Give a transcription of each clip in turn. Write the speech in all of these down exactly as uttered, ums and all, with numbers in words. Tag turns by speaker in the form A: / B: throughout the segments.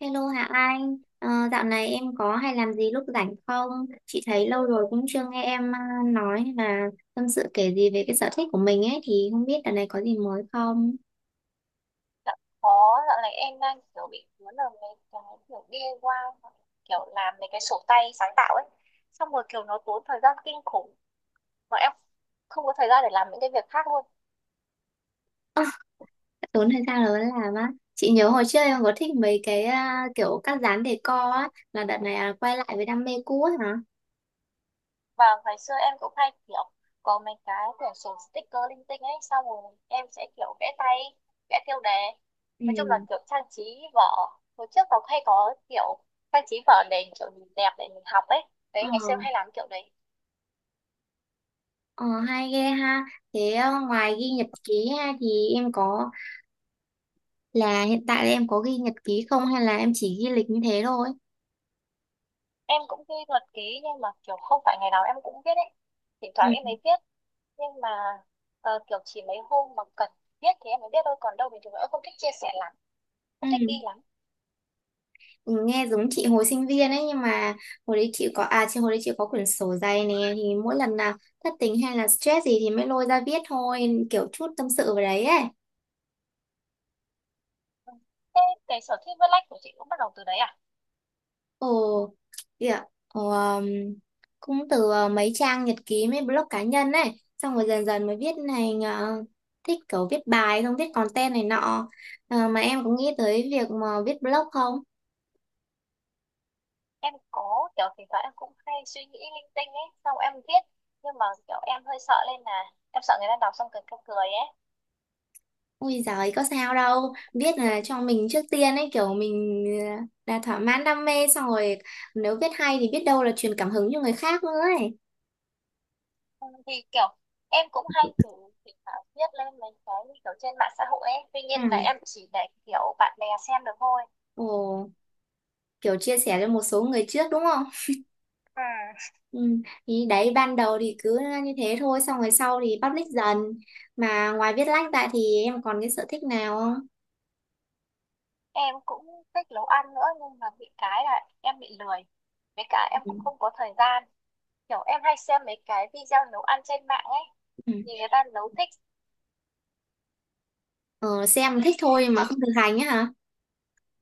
A: Hello Hạ Anh, Ờ, dạo này em có hay làm gì lúc rảnh không? Chị thấy lâu rồi cũng chưa nghe em à, nói hay là tâm sự kể gì về cái sở thích của mình ấy thì không biết dạo này có gì mới không?
B: Dạ, có dạo này em đang kiểu bị cuốn vào mấy cái kiểu đi ai quai hoặc kiểu làm mấy cái sổ tay sáng tạo ấy, xong rồi kiểu nó tốn thời gian kinh khủng mà em không có thời gian để làm những cái việc khác luôn.
A: Ơ, tốn thời gian lớn làm á. Chị nhớ hồi trước em có thích mấy cái à, kiểu các dán decor á, là đợt này là quay lại với đam mê cũ ấy hả?
B: Và ngày xưa em cũng hay kiểu có mấy cái quyển sổ sticker linh tinh ấy, xong rồi em sẽ kiểu vẽ tay, vẽ tiêu đề, nói chung là
A: Ừ.
B: kiểu trang trí vở. Hồi trước nó hay có kiểu trang trí vở để kiểu nhìn đẹp để mình học ấy,
A: Ờ,
B: đấy ngày xưa em hay làm kiểu đấy.
A: ờ, hay ghê ha. Thế ờ, ngoài ghi nhật ký ha thì em có là hiện tại là em có ghi nhật ký không hay là em chỉ ghi lịch như thế thôi?
B: Em cũng thi thuật ký nhưng mà kiểu không phải ngày nào em cũng viết ấy, thỉnh thoảng
A: Ừ.
B: em mới viết. Nhưng mà ờ, kiểu chỉ mấy hôm mà cần viết thì em mới viết thôi, còn đâu bình thường em không thích chia sẻ lắm,
A: Ừ.
B: không thích ghi lắm.
A: Nghe giống chị hồi sinh viên ấy, nhưng mà hồi đấy chị có à chị hồi đấy chị có quyển sổ dày nè, thì mỗi lần nào thất tình hay là stress gì thì mới lôi ra viết thôi, kiểu chút tâm sự vào đấy ấy.
B: Ừ. Thế cái sở thích viết lách của chị cũng bắt đầu từ đấy à?
A: Ồ, kìa. ồ, um, Cũng từ uh, mấy trang nhật ký, mấy blog cá nhân ấy, xong rồi dần dần mới viết thành ờ, thích kiểu viết bài, không viết content này nọ. Ờ, mà em có nghĩ tới việc mà viết blog không?
B: Em có kiểu thỉnh thoảng em cũng hay suy nghĩ linh tinh ấy, xong em viết, nhưng mà kiểu em hơi sợ lên là em sợ người ta đọc xong cười cười cười ấy.
A: Ôi giời, có sao đâu. Viết là cho mình trước tiên ấy, kiểu mình ờ, đã thỏa mãn đam mê xong rồi nếu viết hay thì biết đâu là truyền cảm hứng cho người khác nữa ấy.
B: Ừ, thì kiểu em cũng hay thử thỉnh thoảng viết lên mấy cái như kiểu trên mạng xã hội ấy, tuy nhiên là
A: Ừ.
B: em chỉ để kiểu bạn bè xem được thôi.
A: Ồ, kiểu chia sẻ cho một số người trước đúng không?
B: Ừ.
A: Ừ. Thì đấy, ban đầu thì cứ như thế thôi, xong rồi sau thì public dần. Mà ngoài viết lách ra thì em còn cái sở thích nào không?
B: Em cũng thích nấu ăn nữa nhưng mà bị cái là em bị lười, với cả em
A: Ừ.
B: cũng không có thời gian. Kiểu em hay xem mấy cái video nấu ăn trên mạng ấy,
A: Ừ.
B: nhìn người ta nấu thích.
A: Ờ, xem thích thôi mà không thực hành á hả?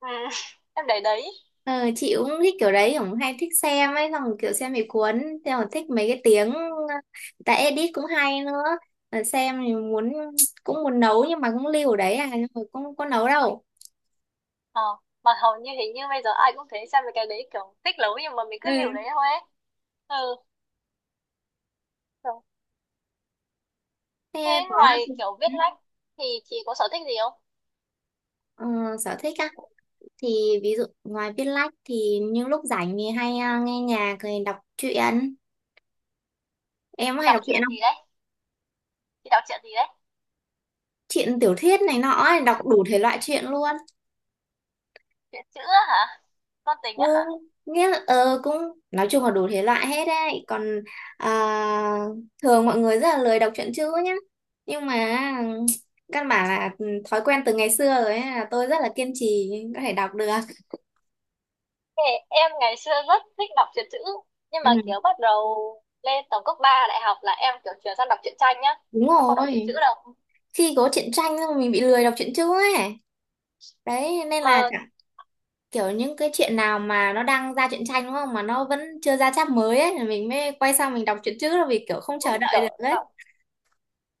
B: Ừ. Em để đấy.
A: Ờ, chị cũng thích kiểu đấy, cũng hay thích xem ấy, xong rồi kiểu xem bị cuốn, xem còn thích mấy cái tiếng người ta edit cũng hay nữa. Ờ, xem thì muốn, cũng muốn nấu nhưng mà cũng lưu ở đấy à, nhưng mà cũng có nấu đâu.
B: ờ mà hầu như hình như bây giờ ai cũng thế, xem mấy cái đấy kiểu thích nấu nhưng mà mình cứ liều
A: Ừ.
B: đấy thôi ấy. Ừ. kiểu- Thế
A: Thế có
B: ngoài kiểu viết
A: ừ,
B: lách thì chị có sở thích gì không?
A: ờ, sở thích á thì ví dụ ngoài viết lách thì những lúc rảnh thì hay à, nghe nhạc rồi đọc truyện. Em có
B: chị
A: hay
B: đọc
A: đọc
B: truyện
A: truyện
B: gì
A: không?
B: đấy chị đọc truyện gì đấy?
A: Truyện tiểu thuyết này nọ ấy, đọc đủ thể loại truyện luôn.
B: Truyện chữ á hả? Con tình
A: Ừ,
B: á hả?
A: nghĩa là ờ, cũng nói chung là đủ thể loại hết đấy, còn à, thường mọi người rất là lười đọc truyện chữ nhá, nhưng mà ừm, căn bản là ừ, thói quen từ ngày xưa rồi ấy, là tôi rất là kiên trì có thể đọc được.
B: Ê, em ngày xưa rất thích đọc truyện chữ nhưng
A: Ừ,
B: mà kiểu bắt đầu lên tầm cấp ba đại học là em kiểu chuyển sang đọc truyện tranh nhá,
A: đúng
B: em không đọc truyện
A: rồi.
B: chữ đâu.
A: Khi có truyện tranh xong mình bị lười đọc truyện chữ ấy, đấy nên
B: Mà
A: là chẳng- kiểu những cái chuyện nào mà nó đang ra truyện tranh đúng không mà nó vẫn chưa ra chap mới ấy thì mình mới quay sang mình đọc truyện chữ, là vì kiểu không chờ
B: cũng
A: đợi
B: kiểu
A: được ấy.
B: đọc,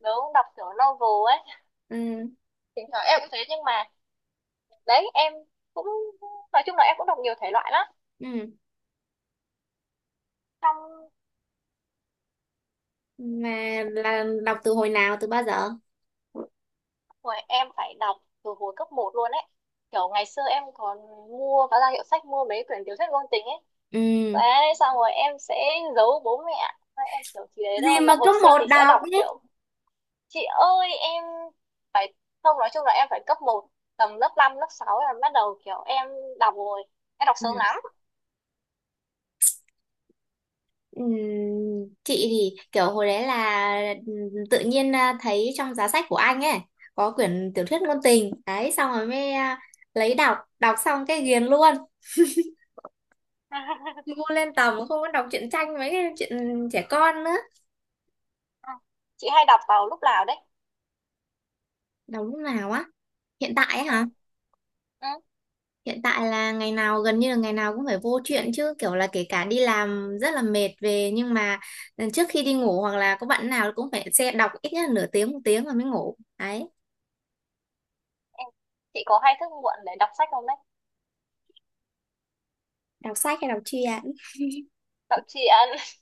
B: nếu đọc kiểu novel ấy
A: Ừ.
B: thỉnh thoảng em cũng thế. Nhưng mà đấy em cũng, nói chung là em cũng đọc nhiều thể loại lắm.
A: Ừ.
B: Xong
A: Mà là đọc từ hồi nào từ bao giờ?
B: rồi em phải đọc từ hồi cấp một luôn ấy, kiểu ngày xưa em còn mua và ra hiệu sách mua mấy quyển tiểu thuyết ngôn tình ấy,
A: Ừ,
B: đấy xong rồi em sẽ giấu bố mẹ. Đấy, em kiểu chỉ đấy
A: gì
B: thôi, mà
A: mà
B: hồi
A: cứ
B: xưa
A: một
B: thì sẽ
A: đọc
B: đọc
A: ấy.
B: kiểu, chị ơi em phải, không nói chung là em phải cấp một tầm lớp năm lớp sáu là bắt đầu kiểu em đọc rồi, em đọc
A: Ừ.
B: sớm lắm.
A: Ừm, chị thì kiểu hồi đấy là ừ, tự nhiên à, thấy trong giá sách của anh ấy có quyển tiểu thuyết ngôn tình đấy, xong rồi mới à, lấy đọc, đọc xong cái ghiền luôn. Ngu lên tầm không có đọc truyện tranh mấy cái chuyện trẻ con nữa.
B: Ừ. Chị hay đọc vào lúc nào đấy?
A: Đọc lúc nào á? Hiện tại
B: Ừ.
A: á?
B: Ừ.
A: Hiện tại là ngày nào, gần như là ngày nào cũng phải vô chuyện chứ, kiểu là kể cả đi làm rất là mệt về nhưng mà ừ, trước khi đi ngủ hoặc là có bạn nào cũng phải xe đọc ít nhất là nửa tiếng một tiếng rồi mới ngủ đấy.
B: Em, chị có hay thức muộn để đọc sách không đấy?
A: Đọc sách hay đọc truyện?
B: Đọc truyện.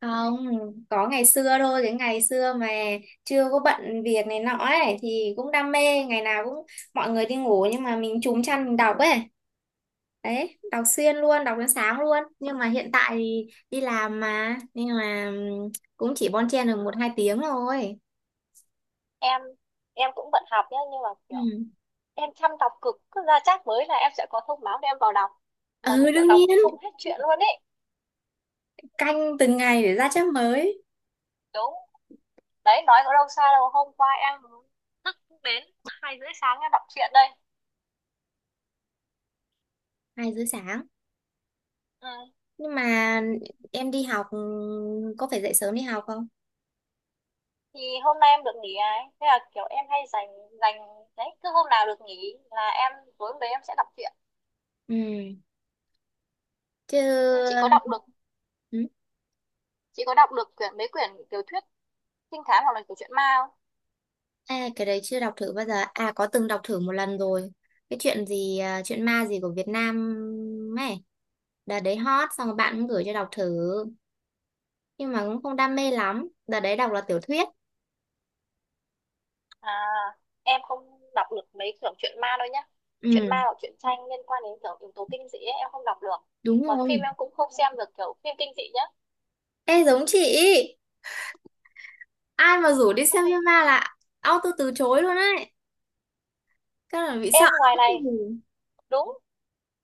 A: Không, có ngày xưa thôi, cái ngày xưa mà chưa có bận việc này nọ ấy thì cũng đam mê, ngày nào cũng mọi người đi ngủ nhưng mà mình trúm chăn mình đọc ấy, đấy đọc xuyên luôn, đọc đến sáng luôn, nhưng mà hiện tại thì đi làm mà nên là ừ, cũng chỉ bon chen được một hai tiếng thôi.
B: em em cũng bận học nhá nhưng mà kiểu
A: Ừ.
B: em chăm đọc cực, cứ ra chắc mới là em sẽ có thông báo để em vào đọc, mà
A: Ừ
B: kiểu
A: đương
B: đọc
A: nhiên.
B: không hết chuyện luôn ấy.
A: Canh từng ngày để ra chép mới.
B: Đúng. Đấy nói có đâu xa đâu, hôm qua em thức đến hai rưỡi sáng em đọc truyện đây.
A: Hai rưỡi sáng?
B: Ừ.
A: Nhưng mà em đi học ừ, có phải dậy sớm đi học không?
B: Thì hôm nay em được nghỉ ấy, thế là kiểu em hay dành dành đấy, cứ hôm nào được nghỉ là em, tối hôm đấy em sẽ đọc truyện.
A: Ừ chứ.
B: Nhưng chị có đọc được
A: Ừ.
B: chị có đọc được quyển mấy quyển tiểu thuyết trinh thám hoặc là kiểu truyện ma không?
A: À, cái đấy chưa đọc thử bao giờ. À, có từng đọc thử một lần rồi, cái chuyện gì, à, chuyện ma gì của Việt Nam ấy, đợt đấy hot xong rồi bạn cũng gửi cho đọc thử, nhưng mà cũng không đam mê lắm, đợt đấy đọc là tiểu thuyết.
B: À, em không đọc được mấy kiểu truyện ma đâu nhá. Truyện ma
A: Ừ.
B: hoặc truyện tranh liên quan đến kiểu yếu tố kinh dị ấy, em không đọc được.
A: Đúng
B: Mà phim
A: rồi.
B: em cũng không xem được kiểu phim kinh dị nhá.
A: Ê, giống chị, ai mà rủ đi xem phim ma là auto từ chối luôn ấy. Các là bị sợ
B: Em ngoài
A: lắm.
B: này.
A: Ừ.
B: Đúng.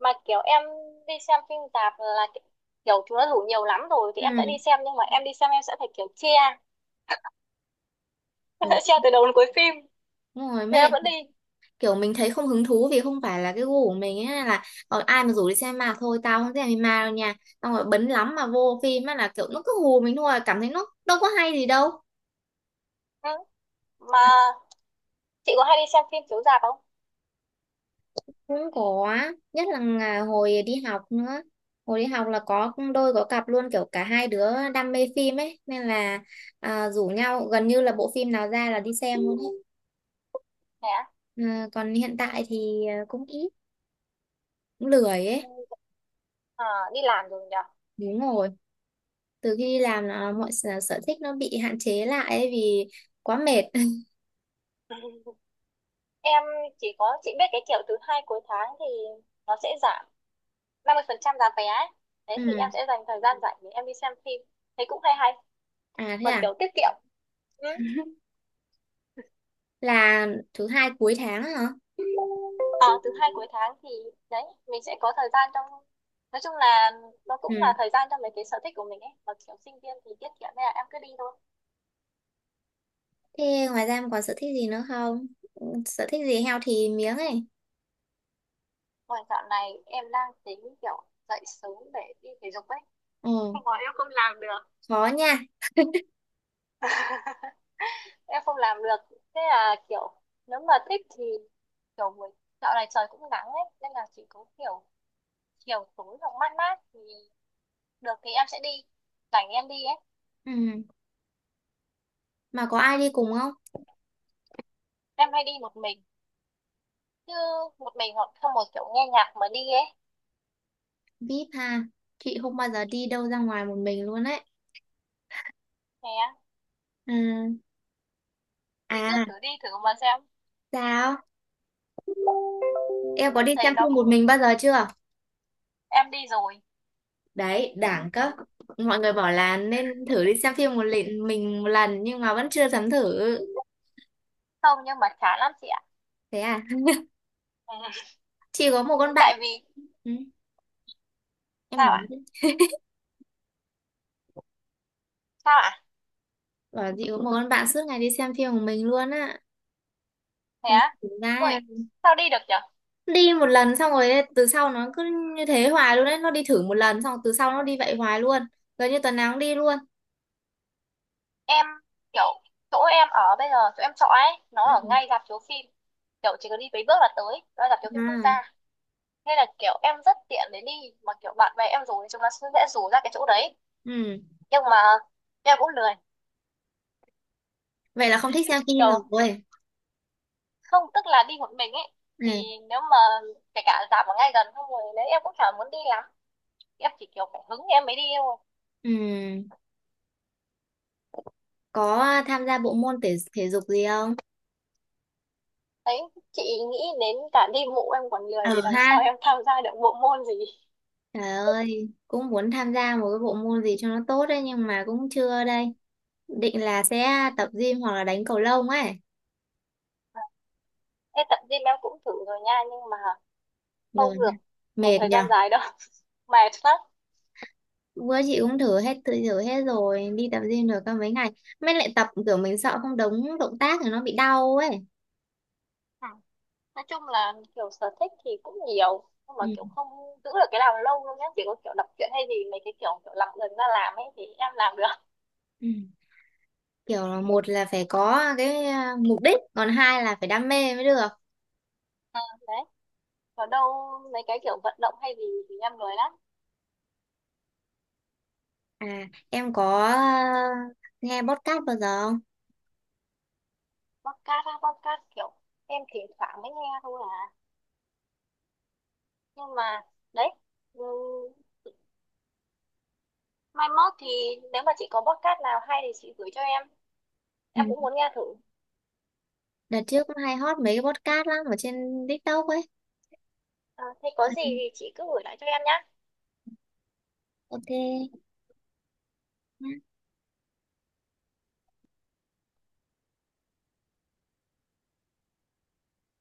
B: Mà kiểu em đi xem phim tạp là kiểu chúng nó rủ nhiều lắm rồi thì em sẽ đi
A: Ừ.
B: xem, nhưng mà em đi xem em sẽ phải kiểu chia
A: Ừ.
B: sẽ treo từ đầu đến cuối phim,
A: Đúng rồi,
B: thế
A: mới
B: là
A: lại
B: vẫn đi.
A: kiểu mình thấy không hứng thú vì không phải là cái gu của mình ấy, là còn ai mà rủ đi xem ma thôi tao không xem ma đâu nha, xong rồi bấn lắm mà vô phim á là kiểu nó cứ hù mình thôi, cảm thấy nó đâu có hay gì đâu.
B: Ừ. Mà chị có hay đi xem phim chiếu rạp không?
A: Cũng có, nhất là ngà- hồi đi học nữa, hồi đi học là có đôi có cặp luôn, kiểu cả hai đứa đam mê phim ấy nên là à, rủ nhau gần như là bộ phim nào ra là đi xem luôn ấy.
B: Thế á?
A: Ừ, còn hiện tại thì à, cũng ít, cũng lười ấy.
B: Ừ, à, đi làm rồi nhỉ.
A: Đúng rồi, từ khi đi làm là mọi sở sở thích nó bị hạn chế lại ấy, vì quá mệt.
B: Em chỉ có chị biết cái kiểu thứ hai cuối tháng thì nó sẽ giảm năm mươi phần trăm giá vé ấy. Đấy thì em
A: ừ.
B: sẽ dành thời gian rảnh để em đi xem phim, thấy cũng hay hay
A: À, thế
B: mà
A: à.
B: kiểu tiết kiệm. Ừ.
A: là thứ hai cuối tháng á hả?
B: À, thứ hai cuối tháng thì đấy mình sẽ có thời gian trong, nói chung là nó cũng
A: Ừ.
B: là thời gian cho mấy cái sở thích của mình ấy, mà kiểu sinh viên thì tiết kiệm nên là em cứ đi thôi.
A: Thế ngoài ra em còn sở thích gì nữa không? Ừ, sở thích gì heo thì miếng ấy.
B: Ngoài dạo này em đang tính kiểu dậy sớm để đi thể dục ấy.
A: Ừ,
B: Nhưng mà em không làm được.
A: khó nha.
B: Em không làm được. Thế là kiểu nếu mà thích thì kiểu buổi, dạo này trời cũng nắng ấy, nên là chỉ có kiểu chiều tối hoặc mát mát thì được thì em sẽ đi. Rảnh em đi ấy.
A: Ừ, mà có ai đi cùng không?
B: Em hay đi một mình. Chứ một mình hoặc không, một kiểu nghe nhạc mà đi ấy.
A: Vip ha, chị không bao giờ đi đâu ra ngoài một mình luôn ấy.
B: Nè,
A: Ừ.
B: chị cứ
A: À,
B: thử đi thử mà xem.
A: sao? Em có
B: Em
A: đi
B: thấy
A: xem
B: nó
A: phim
B: cũng,
A: một mình bao giờ chưa?
B: em đi rồi.
A: Đấy đảng cấp, mọi người bảo là nên thử đi xem phim một lần mình một lần nhưng mà vẫn chưa dám thử.
B: Không, nhưng mà chán lắm chị ạ.
A: Thế à, chị có một con
B: Tại
A: bạn.
B: vì
A: Ừ, em
B: sao
A: nói
B: ạ?
A: chứ,
B: Sao ạ?
A: bảo chị có một con bạn suốt ngày đi xem phim của mình luôn á.
B: Thế
A: Thế
B: á?
A: thực ra
B: Ui,
A: là
B: sao đi được nhở?
A: đi một lần xong rồi từ sau nó cứ như thế hoài luôn đấy, nó đi thử một lần xong rồi từ sau nó đi vậy hoài luôn, gần như tuần nào cũng đi luôn.
B: Em kiểu chỗ em ở bây giờ, chỗ em trọ ấy, nó ở
A: Ừ.
B: ngay rạp chiếu phim. Kiểu chỉ cần đi mấy bước là tới, đó là rạp chiếu phim quốc
A: À.
B: gia. Nên là kiểu em rất tiện để đi, mà kiểu bạn bè em rủ thì chúng nó sẽ dễ rủ ra cái chỗ đấy.
A: Ừ.
B: Nhưng mà em cũng lười,
A: Vậy là không thích xem phim
B: kiểu
A: rồi.
B: không, tức là đi một mình ấy.
A: Ừ.
B: Thì nếu mà kể cả rạp ở ngay gần không rồi đấy em cũng chả muốn đi lắm. Em chỉ kiểu phải hứng em mới đi thôi.
A: Ừ. Có tham gia bộ môn thể thể dục gì không?
B: Đấy, chị nghĩ đến cả đi bộ em còn lười thì
A: Ừ
B: làm sao
A: ha.
B: em tham gia được bộ môn gì.
A: Trời ơi, cũng muốn tham gia một cái bộ môn gì cho nó tốt đấy nhưng mà cũng chưa đây. Định là sẽ tập gym hoặc là đánh cầu lông ấy.
B: Ê, tập gym em cũng thử rồi nha nhưng mà
A: Rồi,
B: không được một
A: mệt
B: thời
A: nhở.
B: gian dài đâu mệt lắm.
A: Bữa chị cũng thử hết, thử thử hết rồi, đi tập gym được có mấy ngày. Mới lại tập kiểu mình sợ không đúng động tác thì nó bị đau ấy.
B: Ừ. Nói chung là kiểu sở thích thì cũng nhiều nhưng mà
A: Ừ.
B: kiểu không giữ được cái nào lâu đâu nhá, chỉ có kiểu đọc truyện hay gì mấy cái kiểu kiểu làm gần ra làm ấy thì em làm được.
A: Ừ. Kiểu là một là phải có cái à, mục đích, còn hai là phải đam mê mới được.
B: Ờ, đấy còn đâu mấy cái kiểu vận động hay gì thì em lười lắm.
A: À, em có à, nghe podcast bao giờ không?
B: Podcast á? Podcast kiểu em thỉnh thoảng mới nghe thôi à. Nhưng mà đấy, ừ, mai mốt thì nếu mà chị có podcast nào hay thì chị gửi cho em em
A: Ừ.
B: cũng muốn nghe thử.
A: Đợt trước cũng hay hot mấy cái podcast lắm ở trên TikTok ấy.
B: Ờ, Thế có
A: Ừ.
B: gì thì chị cứ gửi lại cho em nhá.
A: Ok,